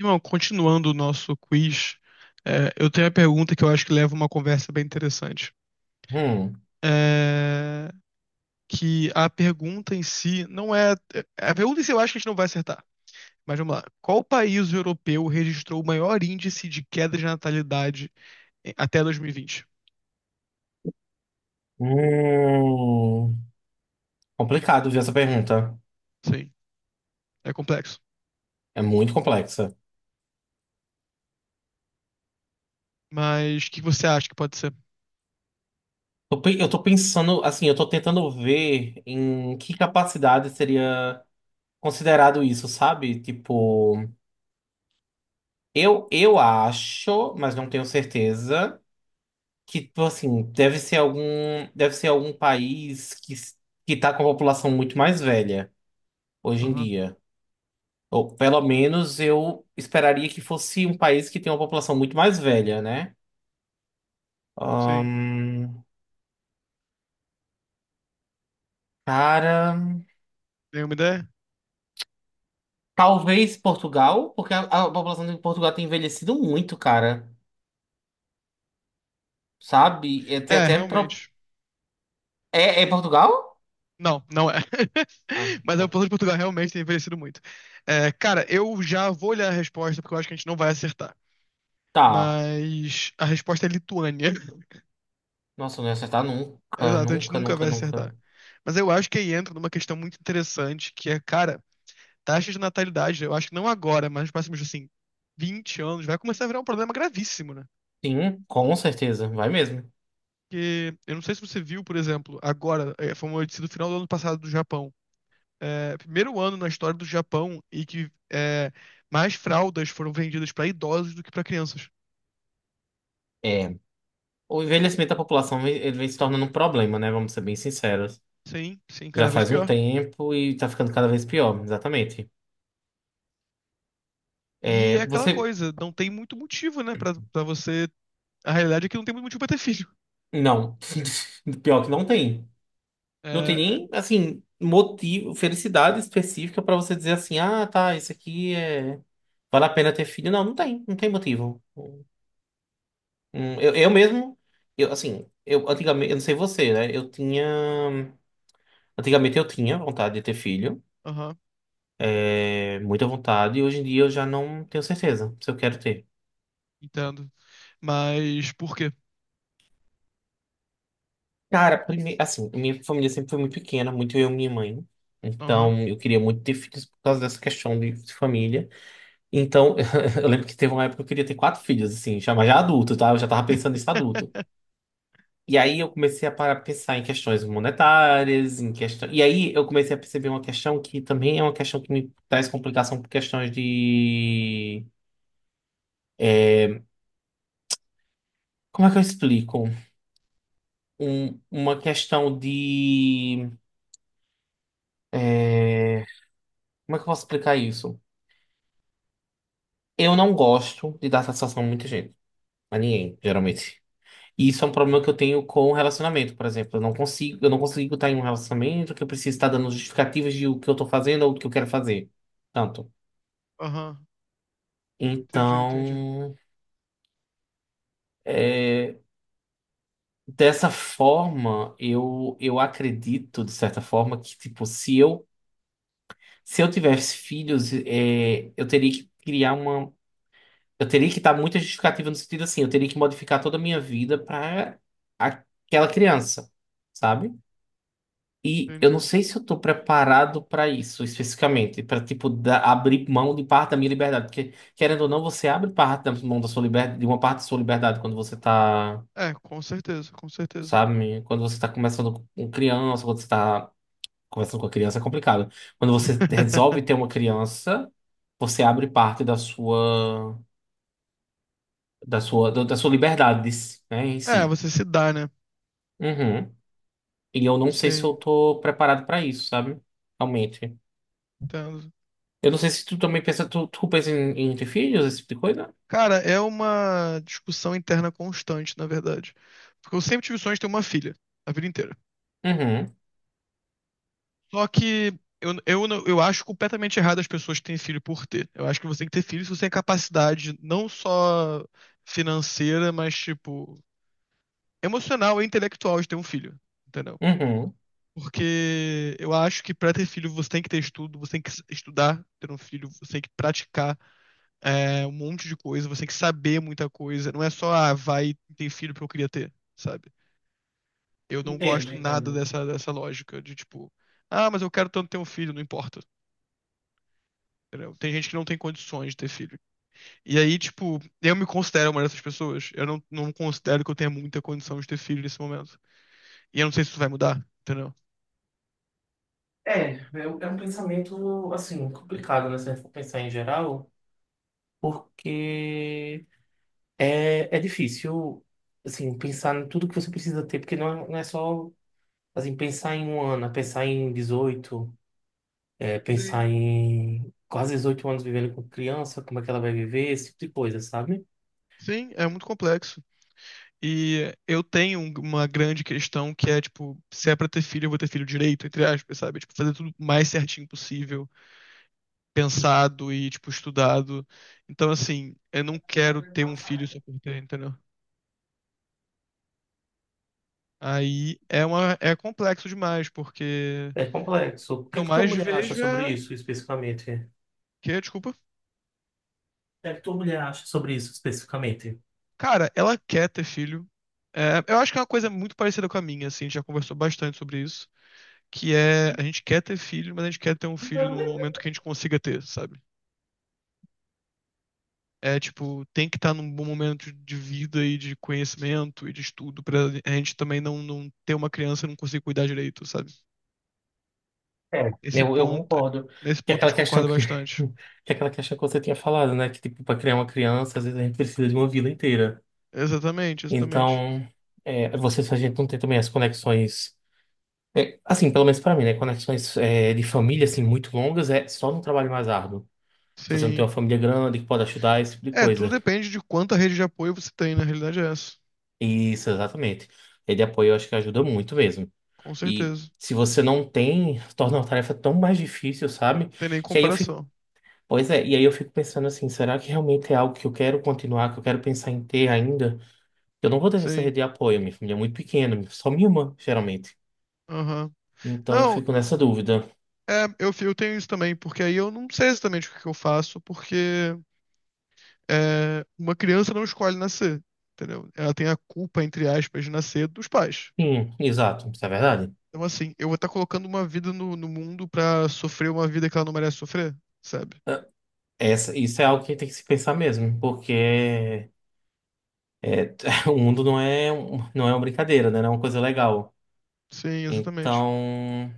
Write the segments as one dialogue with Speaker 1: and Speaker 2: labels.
Speaker 1: Irmão, continuando o nosso quiz, eu tenho a pergunta que eu acho que leva uma conversa bem interessante.
Speaker 2: Hum.
Speaker 1: É, que a pergunta em si não é. É, A pergunta em si eu acho que a gente não vai acertar. Mas vamos lá. Qual país europeu registrou o maior índice de queda de natalidade até 2020?
Speaker 2: Hum. Complicado, viu, essa pergunta.
Speaker 1: Sim, é complexo.
Speaker 2: É muito complexa.
Speaker 1: Mas o que você acha que pode ser?
Speaker 2: Eu tô pensando, assim, eu tô tentando ver em que capacidade seria considerado isso, sabe? Tipo, eu acho, mas não tenho certeza, que, tipo assim, deve ser algum país que, que tá com a população muito mais velha hoje em
Speaker 1: Aham,
Speaker 2: dia. Ou pelo menos eu esperaria que fosse um país que tem uma população muito mais velha, né?
Speaker 1: sim.
Speaker 2: Ahn, Cara,
Speaker 1: Nenhuma ideia?
Speaker 2: talvez Portugal, porque a população de Portugal tem envelhecido muito, cara. Sabe?
Speaker 1: É, realmente.
Speaker 2: É, é Portugal?
Speaker 1: Não, não é.
Speaker 2: Ah,
Speaker 1: Mas a
Speaker 2: tá.
Speaker 1: população de Portugal realmente tem envelhecido muito. É, cara, eu já vou olhar a resposta porque eu acho que a gente não vai acertar.
Speaker 2: Tá.
Speaker 1: Mas a resposta é Lituânia.
Speaker 2: Nossa, não ia acertar nunca,
Speaker 1: Exato, a gente
Speaker 2: nunca,
Speaker 1: nunca
Speaker 2: nunca,
Speaker 1: vai
Speaker 2: nunca.
Speaker 1: acertar. Mas eu acho que aí entra numa questão muito interessante, que é, cara, taxa de natalidade, eu acho que não agora, mas nos próximos, assim, 20 anos, vai começar a virar um problema gravíssimo, né?
Speaker 2: Sim, com certeza, vai mesmo.
Speaker 1: Porque eu não sei se você viu, por exemplo, agora, foi uma notícia do final do ano passado do Japão, primeiro ano na história do Japão e que é, mais fraldas foram vendidas para idosos do que para crianças.
Speaker 2: É. O envelhecimento da ele vem se tornando um problema, né? Vamos ser bem sinceros.
Speaker 1: Sim, sim,
Speaker 2: Já
Speaker 1: cada vez
Speaker 2: faz um
Speaker 1: pior.
Speaker 2: tempo e tá ficando cada vez pior, exatamente.
Speaker 1: E é
Speaker 2: É,
Speaker 1: aquela
Speaker 2: você.
Speaker 1: coisa, não tem muito motivo, né, pra você. A realidade é que não tem muito motivo pra ter filho.
Speaker 2: Não. Pior que não tem. Não tem
Speaker 1: É, é,
Speaker 2: nem, assim, motivo, felicidade específica pra você dizer assim, ah, tá, isso aqui é vale a pena ter filho. Não, não tem, não tem motivo. Eu mesmo, eu, assim, eu antigamente, eu não sei você, né? Eu tinha, antigamente eu tinha vontade de ter filho,
Speaker 1: aham,
Speaker 2: muita vontade, e hoje em dia eu já não tenho certeza se eu quero ter.
Speaker 1: entendo. Mas por quê?
Speaker 2: Cara, assim, minha família sempre foi muito pequena, muito eu e minha mãe.
Speaker 1: Aham.
Speaker 2: Então, eu queria muito ter filhos por causa dessa questão de família. Então, eu lembro que teve uma época que eu queria ter quatro filhos, assim, já, mas já adulto, tá? Eu já tava pensando nisso adulto. E aí eu comecei a parar, pensar em questões monetárias, em questão. E aí eu comecei a perceber uma questão que também é uma questão que me traz complicação por questões de. Como é que eu explico? Uma questão de é, como é que eu posso explicar isso? Eu não gosto de dar satisfação a muita gente, a ninguém, geralmente. E isso é um problema que eu tenho com o relacionamento, por exemplo. Eu não consigo estar em um relacionamento que eu preciso estar dando justificativas de o que eu estou fazendo ou do que eu quero fazer. Tanto.
Speaker 1: Aham, entendi,
Speaker 2: Então, é, dessa forma, eu acredito, de certa forma, que, tipo, se eu tivesse filhos, eu teria que criar uma. Eu teria que dar muita justificativa no sentido assim, eu teria que modificar toda a minha vida para aquela criança, sabe? E eu não
Speaker 1: entendi.
Speaker 2: sei se eu tô preparado para isso especificamente, para abrir mão de parte da minha liberdade, porque querendo ou não, você abre parte da mão da sua liberdade, de uma parte da sua liberdade quando você tá,
Speaker 1: É, com certeza, com certeza.
Speaker 2: sabe, quando você tá começando com criança, quando você tá conversando com a criança é complicado. Quando você resolve ter uma criança, você abre parte da sua da sua liberdade, né, em
Speaker 1: É,
Speaker 2: si.
Speaker 1: você se dá, né?
Speaker 2: Uhum. E eu não sei se eu
Speaker 1: Sim,
Speaker 2: tô preparado para isso, sabe? Realmente.
Speaker 1: entendo.
Speaker 2: Eu não sei se tu também pensa, tu pensa em, em ter filhos, esse tipo de coisa?
Speaker 1: Cara, é uma discussão interna constante, na verdade. Porque eu sempre tive o sonho de ter uma filha, a vida inteira.
Speaker 2: Uhum,
Speaker 1: Só que eu, não- eu acho completamente errado as pessoas que têm filho por ter. Eu acho que você tem que ter filho se você tem capacidade, não só financeira, mas, tipo, emocional e intelectual de ter um filho, entendeu?
Speaker 2: uhum.
Speaker 1: Porque eu acho que pra ter filho você tem que ter estudo, você tem que estudar, ter um filho, você tem que praticar. Um monte de coisa, você tem que saber muita coisa. Não é só, ah, vai ter filho porque eu queria ter, sabe? Eu não
Speaker 2: Entendo,
Speaker 1: gosto nada
Speaker 2: entendo.
Speaker 1: dessa lógica de tipo, ah, mas eu quero tanto ter um filho, não importa. Entendeu? Tem gente que não tem condições de ter filho. E aí, tipo, eu me considero uma dessas pessoas. Eu não, não considero que eu tenha muita condição de ter filho nesse momento. E eu não sei se isso vai mudar, entendeu?
Speaker 2: É um pensamento, assim, complicado, né? Se a gente for pensar em geral, porque é difícil, assim, pensar em tudo que você precisa ter, porque não é só, assim, pensar em um ano, é pensar em 18, é,
Speaker 1: Sim.
Speaker 2: pensar em quase 18 anos vivendo com criança, como é que ela vai viver, esse tipo de coisa, sabe?
Speaker 1: Sim, é muito complexo. E eu tenho uma grande questão que é, tipo, se é pra ter filho, eu vou ter filho direito, entre aspas, sabe? Tipo, fazer tudo o mais certinho possível. Pensado e, tipo, estudado. Então, assim, eu não quero ter um filho só por ter, entendeu? Aí é uma, é complexo demais, porque
Speaker 2: É complexo. O
Speaker 1: o que
Speaker 2: que é
Speaker 1: eu
Speaker 2: que tua
Speaker 1: mais
Speaker 2: mulher acha
Speaker 1: vejo
Speaker 2: sobre
Speaker 1: é
Speaker 2: isso especificamente? O
Speaker 1: que, desculpa,
Speaker 2: que é que tua mulher acha sobre isso especificamente?
Speaker 1: cara, ela quer ter filho. É, eu acho que é uma coisa muito parecida com a minha, assim, a gente já conversou bastante sobre isso, que é a gente quer ter filho, mas a gente quer ter um filho no momento que a gente consiga ter, sabe? É tipo, tem que estar num bom momento de vida e de conhecimento e de estudo pra a gente também não ter uma criança e não conseguir cuidar direito, sabe? Esse
Speaker 2: Eu
Speaker 1: ponto,
Speaker 2: concordo.
Speaker 1: Nesse
Speaker 2: Que é
Speaker 1: ponto a
Speaker 2: aquela
Speaker 1: gente
Speaker 2: questão
Speaker 1: concorda
Speaker 2: que,
Speaker 1: bastante.
Speaker 2: que é aquela questão que você tinha falado, né? Que tipo, para criar uma criança, às vezes a gente precisa de uma vida inteira.
Speaker 1: Exatamente, exatamente.
Speaker 2: Então, você, se a gente não tem também as conexões. É, assim, pelo menos pra mim, né? Conexões é, de família, assim, muito longas é só num trabalho mais árduo. Se você não tem uma
Speaker 1: Sim.
Speaker 2: família grande que pode ajudar, esse tipo de
Speaker 1: É, tudo
Speaker 2: coisa.
Speaker 1: depende de quanta rede de apoio você tem, na realidade é essa.
Speaker 2: Isso, exatamente. É de apoio, eu acho que ajuda muito mesmo.
Speaker 1: Com
Speaker 2: E
Speaker 1: certeza. Não
Speaker 2: se você não tem, torna a tarefa tão mais difícil, sabe?
Speaker 1: tem nem
Speaker 2: Que aí eu fico,
Speaker 1: comparação.
Speaker 2: pois é, e aí eu fico pensando assim, será que realmente é algo que eu quero continuar, que eu quero pensar em ter ainda? Eu não vou ter essa rede
Speaker 1: Sim.
Speaker 2: de apoio, minha família é muito pequena, só minha irmã, geralmente.
Speaker 1: Aham.
Speaker 2: Então eu
Speaker 1: Não,
Speaker 2: fico nessa dúvida.
Speaker 1: é, eu tenho isso também, porque aí eu não sei exatamente o que que eu faço, porque é, uma criança não escolhe nascer, entendeu? Ela tem a culpa, entre aspas, de nascer dos pais.
Speaker 2: Sim, exato, isso é verdade.
Speaker 1: Então, assim, eu vou estar colocando uma vida no mundo pra sofrer uma vida que ela não merece sofrer, sabe?
Speaker 2: Essa, isso é algo que tem que se pensar mesmo, porque é, o mundo não é, não é uma brincadeira, né? Não é uma coisa legal.
Speaker 1: Sim, exatamente.
Speaker 2: Então,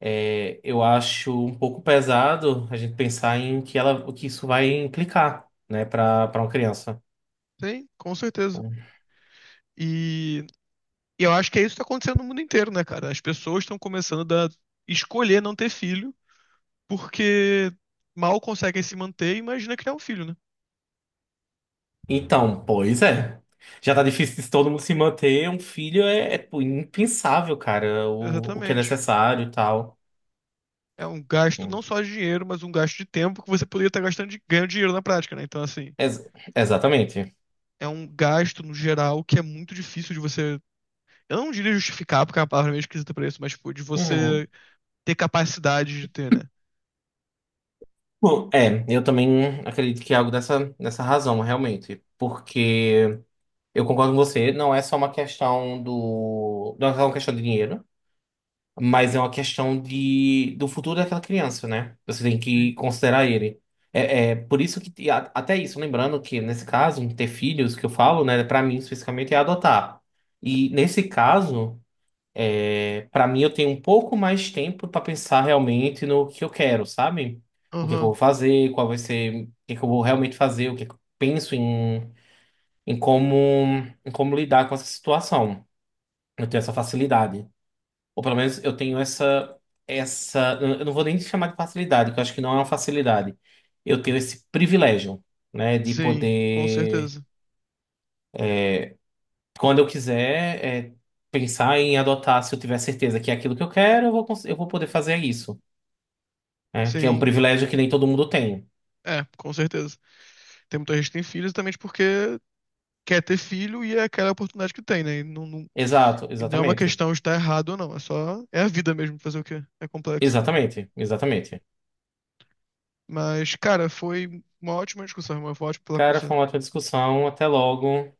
Speaker 2: eu acho um pouco pesado a gente pensar em que ela, o que isso vai implicar, né, para uma criança.
Speaker 1: Sim, com certeza. E, e eu acho que é isso que está acontecendo no mundo inteiro, né, cara? As pessoas estão começando a escolher não ter filho porque mal conseguem se manter e imagina criar um filho, né?
Speaker 2: Então, pois é. Já tá difícil de todo mundo se manter. Um filho pô, impensável, cara, o que é
Speaker 1: Exatamente.
Speaker 2: necessário e tal.
Speaker 1: É um gasto não
Speaker 2: Hum.
Speaker 1: só de dinheiro, mas um gasto de tempo que você poderia estar gastando de, ganhando dinheiro na prática, né? Então, assim,
Speaker 2: Ex- exatamente.
Speaker 1: é um gasto no geral que é muito difícil de você. Eu não diria justificar, porque é uma palavra meio esquisita pra isso, mas, tipo, de
Speaker 2: Uhum.
Speaker 1: você ter capacidade de ter, né?
Speaker 2: Bom, é, eu também acredito que é algo dessa, dessa razão, realmente. Porque eu concordo com você, não é só uma questão do. Não é só uma questão de dinheiro, mas é uma questão de, do futuro daquela criança, né? Você tem que
Speaker 1: Sim.
Speaker 2: considerar ele. É, é por isso que, até isso, lembrando que nesse caso, ter filhos, que eu falo, né, pra mim especificamente é adotar. E nesse caso. É, para mim, eu tenho um pouco mais tempo para pensar realmente no que eu quero, sabe? O que que eu vou
Speaker 1: Aham,
Speaker 2: fazer, qual vai ser, o que que eu vou realmente fazer, o que que eu penso em, em como, em como lidar com essa situação. Eu tenho essa facilidade. Ou pelo menos eu tenho essa, essa, eu não vou nem chamar de facilidade, que eu acho que não é uma facilidade. Eu tenho esse privilégio, né, de
Speaker 1: Sim, com
Speaker 2: poder,
Speaker 1: certeza.
Speaker 2: quando eu quiser, é, pensar em adotar, se eu tiver certeza que é aquilo que eu quero, eu vou, eu vou poder fazer isso. Né? Que é um
Speaker 1: Sim,
Speaker 2: privilégio que nem todo mundo tem.
Speaker 1: É, com certeza. Tem muita gente que tem filho exatamente porque quer ter filho e é aquela oportunidade que tem, né?
Speaker 2: Exato,
Speaker 1: E não é uma
Speaker 2: exatamente.
Speaker 1: questão de estar errado ou não, é só. É a vida mesmo, fazer o quê? É complexo.
Speaker 2: Exatamente, exatamente.
Speaker 1: Mas, cara, foi uma ótima discussão, irmão. Foi ótimo falar com
Speaker 2: Cara,
Speaker 1: você.
Speaker 2: foi uma ótima discussão. Até logo.